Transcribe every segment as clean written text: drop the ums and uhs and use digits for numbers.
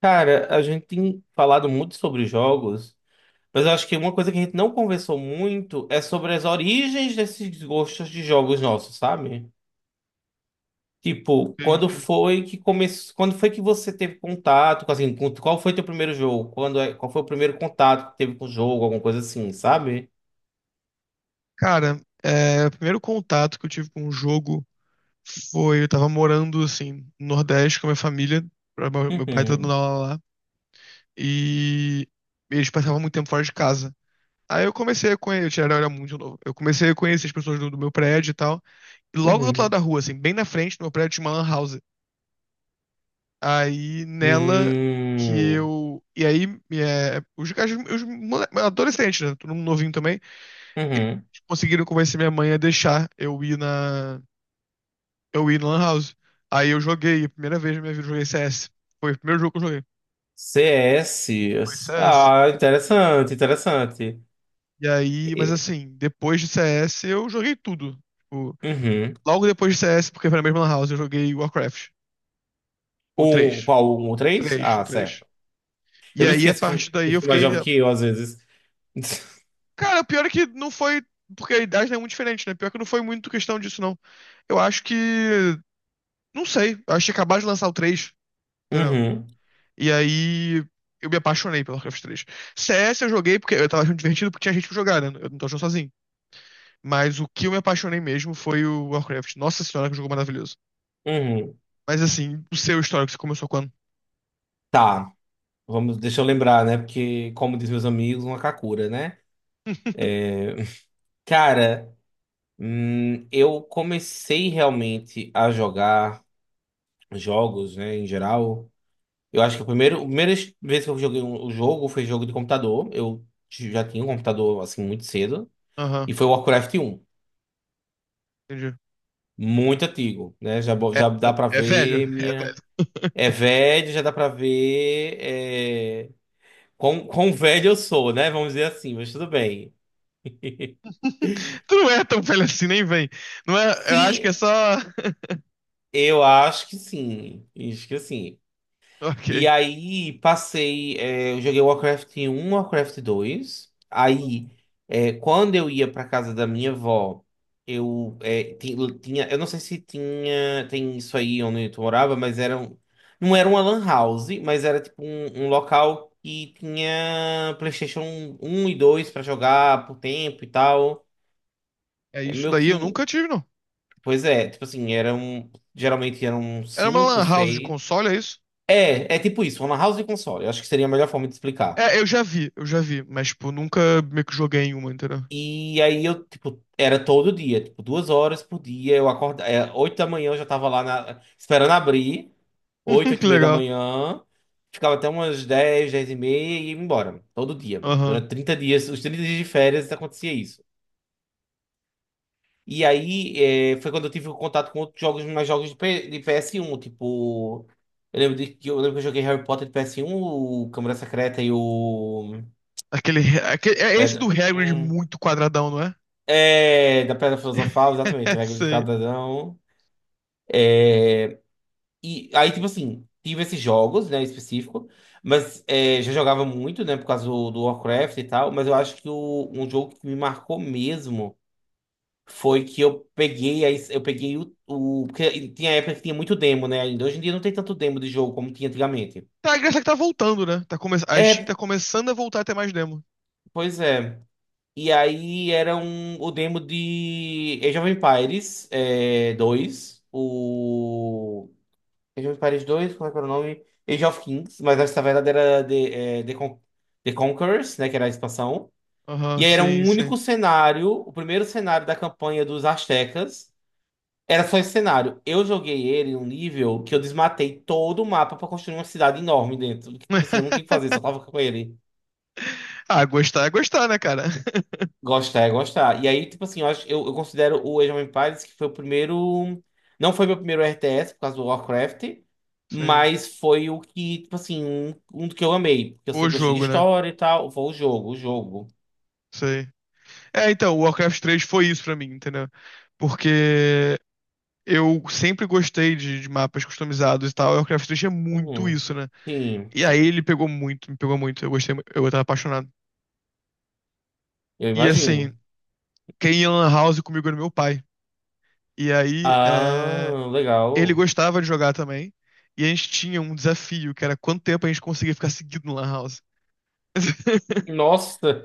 Cara, a gente tem falado muito sobre jogos, mas eu acho que uma coisa que a gente não conversou muito é sobre as origens desses gostos de jogos nossos, sabe? Tipo, Ok, quando ok. foi que começou, quando foi que você teve contato com assim, qual foi teu primeiro jogo? Qual foi o primeiro contato que teve com o jogo, alguma coisa assim, sabe? Cara, o primeiro contato que eu tive com o jogo foi, eu tava morando, assim, no Nordeste com a minha família, meu pai tá dando Uhum. aula lá, e eles passavam muito tempo fora de casa. Aí eu comecei a conhecer, eu era muito novo, eu comecei a conhecer as pessoas do meu prédio e tal, e logo do outro lado Uhum. da rua, assim, bem na frente do meu prédio tinha uma lan house. Aí, nela, que Hum, eu... E aí, é, os, as- os mole- adolescentes, né, todo mundo novinho também, uhum. conseguiram convencer minha mãe a deixar eu ir na. Eu ia na Lan House. A primeira vez na minha vida eu joguei CS. Foi o primeiro jogo que eu joguei. Foi CS. CS. Ah, interessante, interessante. E aí, mas E- assim, depois de CS eu joguei tudo. Tipo, Uhum. logo depois de CS, porque foi na mesma Lan House, eu joguei Warcraft. O um, 3 qual? Um, o três? três o Ah, três certo. Eu E me aí, a esqueço que eu partir daí, eu eu sou mais fiquei. jovem que eu, às vezes. Cara, o pior é que não foi. Porque a idade não é muito diferente, né? Pior que não foi muito questão disso, não. Eu acho que. Não sei. Eu acho que acabaram de lançar o três, entendeu? Uhum, E aí eu me apaixonei pelo Warcraft 3. S Eu joguei porque eu tava achando divertido porque tinha gente pra jogar, né? Eu não tô achando sozinho. Mas o que eu me apaixonei mesmo foi o Warcraft. Nossa senhora, que jogo maravilhoso. uhum. Mas assim, o seu histórico, você começou quando? Tá, vamos, deixa eu lembrar, né? Porque, como diz meus amigos, uma kakura, né? Cara, eu comecei realmente a jogar jogos, né, em geral. Eu acho que a primeira vez que eu joguei um jogo foi jogo de computador. Eu já tinha um computador, assim, muito cedo. E Aham, foi o Warcraft 1. entendi. Muito antigo, né? Já, É, já dá pra é velho, ver é minha. velho. É velho, já dá pra ver quão velho eu sou, né? Vamos dizer assim, mas tudo bem. Tu não é tão velho assim, nem vem. Não é, eu acho que é Sim, só. eu acho que sim. Acho que sim. E Ok. aí passei, eu joguei Warcraft 1, Warcraft 2. Aí, quando eu ia pra casa da minha avó, eu tinha, eu não sei se tinha, tem isso aí onde tu morava, mas era um, não era uma lan house, mas era tipo um, local que tinha PlayStation 1 e 2 pra jogar por tempo e tal. É É isso meio daí, que eu um, nunca tive, não. pois é, tipo assim, era um, geralmente eram Era uma cinco lan house de seis. console, é isso? É tipo isso, uma house de console. Eu acho que seria a melhor forma de explicar. É, eu já vi, mas, tipo, nunca meio que joguei em uma, entendeu? E aí eu, tipo, era todo dia, tipo, 2 horas por dia. Eu acordava, 8 da manhã eu já tava lá esperando abrir, oito, oito Que e meia da legal. manhã. Ficava até umas dez, 10h30 e ia embora, todo dia. Aham. Durante 30 dias, os 30 dias de férias acontecia isso. E aí foi quando eu tive contato com outros jogos, mais jogos de, de PS1, tipo. Eu lembro, de, que eu lembro que eu joguei Harry Potter de PS1, o Câmara Secreta e o. Aquele, aquele. É esse do Hagrid Hum. muito quadradão, não é? É, da Pedra Filosofal, exatamente, Regra do Sei. Quadradão. É, e aí, tipo assim, tive esses jogos, né, em específico, mas é, já jogava muito, né, por causa do Warcraft e tal, mas eu acho que o, um jogo que me marcou mesmo foi que eu peguei, aí, eu peguei o... Porque tinha época que tinha muito demo, né, ainda. Hoje em dia não tem tanto demo de jogo como tinha antigamente. Tá, a graça é que tá voltando, né? A Steam tá É, começando a voltar a ter mais demo. pois é. E aí era um, o demo de Age of Empires 2, o... Age of Empires 2, como é que era o nome? Age of Kings, mas essa verdade era The Conquerors, né? Que era a expansão. Aham, E aí era sim, um sim. único cenário, o primeiro cenário da campanha dos Aztecas. Era só esse cenário. Eu joguei ele em um nível que eu desmatei todo o mapa pra construir uma cidade enorme dentro. Tipo assim, eu não tinha o que fazer, só tava com ele. Ah, gostar é gostar, né, cara? Gostar é gostar. E aí, tipo assim, eu, acho, eu considero o Age of Empires que foi o primeiro. Não foi meu primeiro RTS por causa do Warcraft, Sim. mas foi o que, tipo assim, um do que eu amei. Porque eu O sempre gostei de jogo, né? história e tal. Foi o jogo, o jogo. Sei. É, então, o Warcraft 3 foi isso pra mim, entendeu? Porque eu sempre gostei de mapas customizados e tal. O Warcraft 3 é muito Uhum. isso, né? Sim, E aí sim. ele pegou muito, me pegou muito. Eu gostei, eu tava apaixonado. Eu E assim, imagino. quem ia na Lan House comigo era meu pai. E aí, Ah, ele legal. gostava de jogar também. E a gente tinha um desafio, que era quanto tempo a gente conseguia ficar seguido no Lan House. Nossa,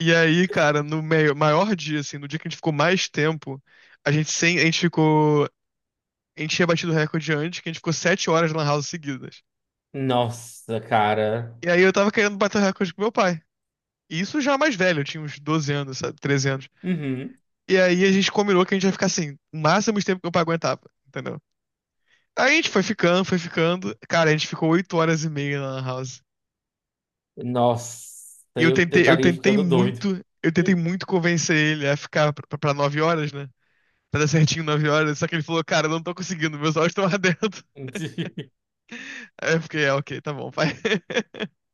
E aí, cara, no maior dia, assim, no dia que a gente ficou mais tempo, a gente sem, a gente ficou, a gente tinha batido o recorde antes, que a gente ficou 7 horas na lan house seguidas. nossa, cara. E aí eu tava querendo bater o recorde com meu pai. E isso já mais velho, eu tinha uns 12 anos, sabe, 13 anos. Uhum. E aí a gente combinou que a gente ia ficar assim, o máximo de tempo que meu pai aguentava, entendeu? Aí a gente foi ficando, foi ficando. Cara, a gente ficou 8 horas e meia na Lan House. Nossa, E eu eu tentei, eu estaria tentei ficando doido. muito, eu tentei muito convencer ele a ficar pra, pra 9 horas, né? Pra dar certinho 9 horas. Só que ele falou, cara, eu não tô conseguindo, meus olhos estão ardendo. Aí eu fiquei, ok, tá bom, pai.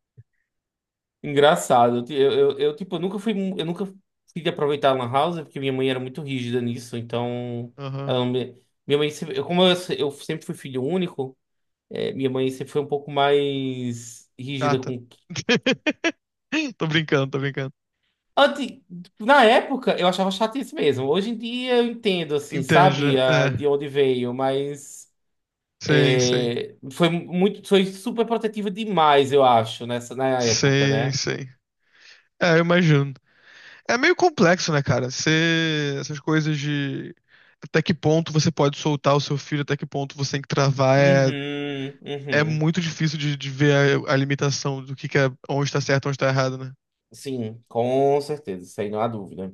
Engraçado. Eu, ti- eu, tipo, eu nunca fui, eu nunca fui de aproveitar a Lan House, porque minha mãe era muito rígida nisso, então Aham, ela não me- minha mãe sempre, como eu, eu sempre fui filho único, minha mãe sempre foi um pouco mais rígida chata. com. Tô brincando, tô brincando. Antes, na época eu achava chato isso mesmo. Hoje em dia eu entendo assim, Entende, né? sabe, a, de É, onde veio, mas sim, sim. Foi muito, foi super protetiva demais, eu acho, nessa na época, Sim, né? sim. É, eu imagino. É meio complexo, né, cara? Essas coisas de até que ponto você pode soltar o seu filho, até que ponto você tem que travar, é, Uhum, é uhum. muito difícil de ver a limitação do que é onde tá certo, onde tá errado, né? Sim, com certeza, isso aí não há dúvida.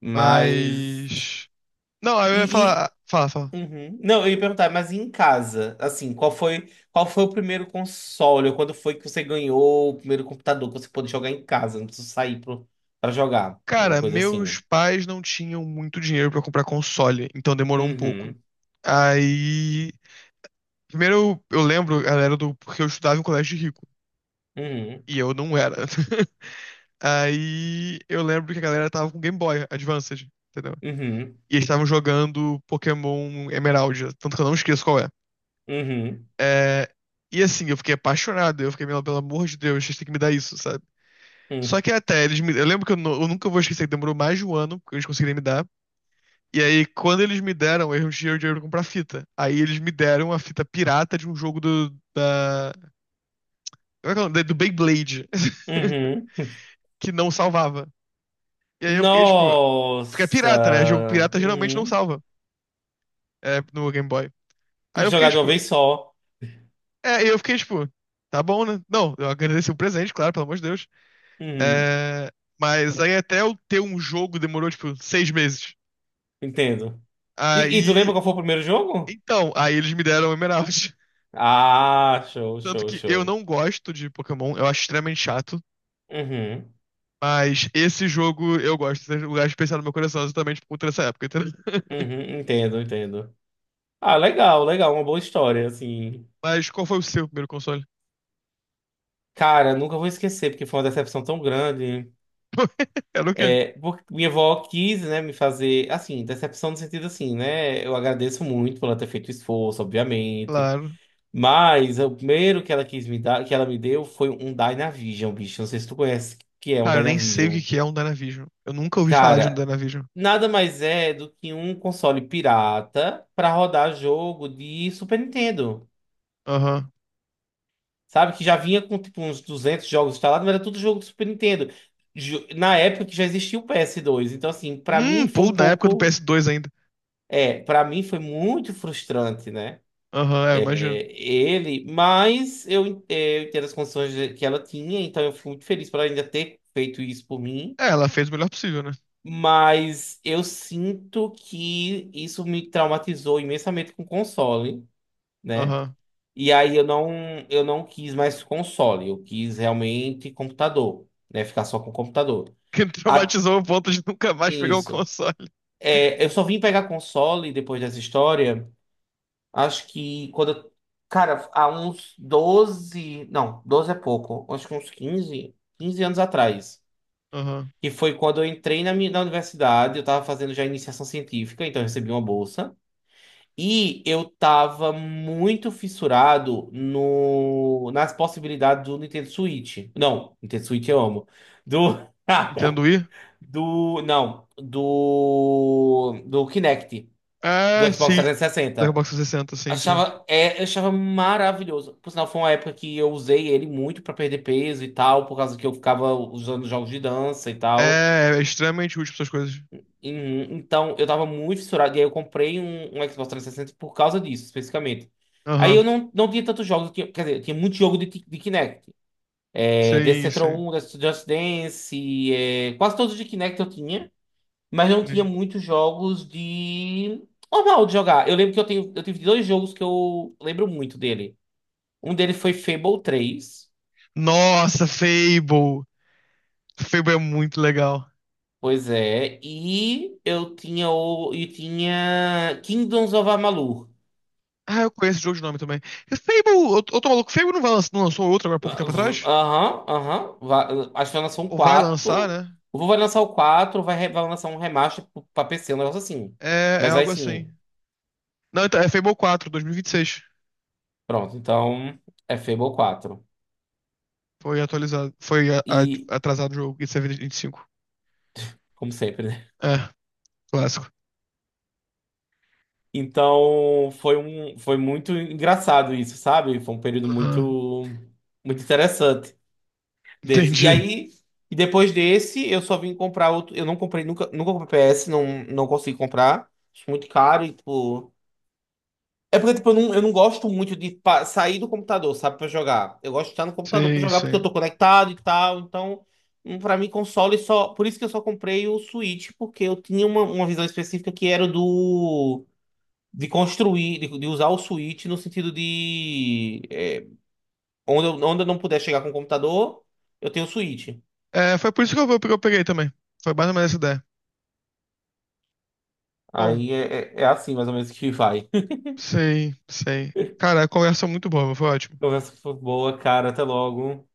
Mas. Mas. Não, aí eu ia E, falar. Fala, fala. Uhum. Não, eu ia perguntar, mas em casa, assim, qual foi o primeiro console? Ou quando foi que você ganhou o primeiro computador que você pôde jogar em casa? Não precisa sair pro, pra jogar. Uma Cara, coisa meus assim. pais não tinham muito dinheiro pra comprar console, então demorou um pouco. Uhum, Aí. Primeiro eu lembro, galera, do porque eu estudava em um colégio de rico. uhum, E eu não era. Aí eu lembro que a galera tava com Game Boy Advanced, entendeu? uhum, E eles estavam jogando Pokémon Emerald, tanto que eu não esqueço qual é. uhum, É, E assim, eu fiquei apaixonado, eu fiquei, "Meu, pelo amor de Deus, vocês têm que me dar isso, sabe? Só uhum, que até eles me. Eu lembro que eu nunca vou esquecer que demorou mais de um ano que eles conseguirem me dar. E aí, quando eles me deram, eu não tinha o dinheiro pra comprar fita. Aí eles me deram a fita pirata de um jogo Como é que é o nome? Do Beyblade, uhum. que não salvava. E aí eu fiquei, tipo, fica Nossa! pirata, né? Jogo pirata geralmente não Uhum. salva. No Game Boy. E Aí eu fiquei jogar de uma tipo, vez só. é, eu fiquei tipo, tá bom, né? Não, eu agradeci o presente, claro, pelo amor de Deus. Uhum. É, mas aí até eu ter um jogo demorou tipo 6 meses. Entendo. E tu lembra Aí, qual foi o primeiro jogo? então, aí eles me deram o Emerald. Ah, show, Tanto show, que eu show. não gosto de Pokémon, eu acho extremamente chato. Uhum, Mas esse jogo eu gosto, tem um lugar especial no meu coração, exatamente por conta dessa época, entendeu? uhum, entendo, entendo. Ah, legal, legal, uma boa história, assim. Mas qual foi o seu primeiro console? Cara, nunca vou esquecer, porque foi uma decepção tão grande. Era o quê? É, porque minha avó quis, né, me fazer, assim, decepção no sentido assim, né? Eu agradeço muito por ela ter feito esforço, obviamente. Claro. Mas o primeiro que ela quis me dar, que ela me deu, foi um Dynavision, bicho. Não sei se tu conhece o que é um Cara, eu nem sei o que Dynavision. que é um Dynavision. Eu nunca ouvi falar de um Cara, Dynavision. nada mais é do que um console pirata para rodar jogo de Super Nintendo. Aham. Sabe, que já vinha com tipo uns 200 jogos instalados, mas era tudo jogo do Super Nintendo. Na época que já existia o PS2. Então, assim, para mim foi Pô, um na época do pouco. PS2 ainda. É, para mim foi muito frustrante, né? Aham, eu imagino. É, ele, mas eu, eu entendo as condições que ela tinha, então eu fico muito feliz por ela ainda ter feito isso por mim. É, ela fez o melhor possível, né? Mas eu sinto que isso me traumatizou imensamente com o console, né? Aham. E aí eu não quis mais console, eu quis realmente computador, né? Ficar só com computador. Que A- traumatizou o ponto de nunca mais pegar um isso. console. É, eu só vim pegar console depois dessa história, acho que quando. Cara, há uns 12. Não, 12 é pouco. Acho que uns quinze anos atrás. Aham. Que foi quando eu entrei na universidade, eu tava fazendo já iniciação científica, então eu recebi uma bolsa. E eu tava muito fissurado no, nas possibilidades do Nintendo Switch. Não, Nintendo Switch eu amo. Do. Nintendo Wii? do. Não. Do Kinect. Do Ah, Xbox sim. Da 360. Xbox 360, sim, sim. Achava, eu achava maravilhoso. Por sinal, foi uma época que eu usei ele muito pra perder peso e tal, por causa que eu ficava usando jogos de dança e tal. É, é extremamente útil pra essas coisas. Uhum, então, eu tava muito fissurado, e aí eu comprei um Xbox 360 por causa disso, especificamente. Aí eu Aham. não tinha tantos jogos, quer dizer, eu tinha muito jogo de, de Kinect. É, Dance Sim, Central sim. 1, Just Dance, quase todos de Kinect eu tinha, mas não tinha Sim. muitos jogos de... normal de jogar. Eu lembro que eu tive dois jogos que eu lembro muito dele. Um dele foi Fable 3, Nossa, Fable. Fable é muito legal. pois é, e eu tinha, e tinha Kingdoms of Amalur. Ah, eu conheço o jogo de nome também. E Fable, eu tô maluco, Fable não vai lançar, não lançou outro agora há pouco tempo atrás? Aham, aham. Acho que vai lançar um Ou vai lançar, quatro. né? O Vu vai lançar o 4 vai lançar um remaster pra PC, um negócio assim. É, é Mas vai algo assim. sim. Não, então, é Fable 4, 2026. Pronto, então é Fable 4. Foi atualizado. Foi E, atrasado o jogo. Isso é cinco. como sempre, né? É, clássico. Então foi muito engraçado isso, sabe? Foi um período Aham, muito, muito interessante desse. E entendi. aí, e depois desse, eu só vim comprar outro. Eu não comprei, nunca comprei PS, não consegui comprar. Acho muito caro e, tipo. É porque, tipo, eu não gosto muito de sair do computador, sabe, pra jogar. Eu gosto de estar no computador pra Sim, jogar porque eu sim. tô conectado e tal. Então, pra mim, console só. Por isso que eu só comprei o Switch, porque eu tinha uma visão específica que era do. De construir, de usar o Switch no sentido de. Onde, onde eu não puder chegar com o computador, eu tenho o Switch. É, foi por isso que eu peguei também. Foi mais ou menos essa ideia. Bom, Aí é assim, mais ou menos, que vai. sei, sei. Cara, a conversa é muito boa, foi ótimo. Conversa foi boa, cara. Até logo.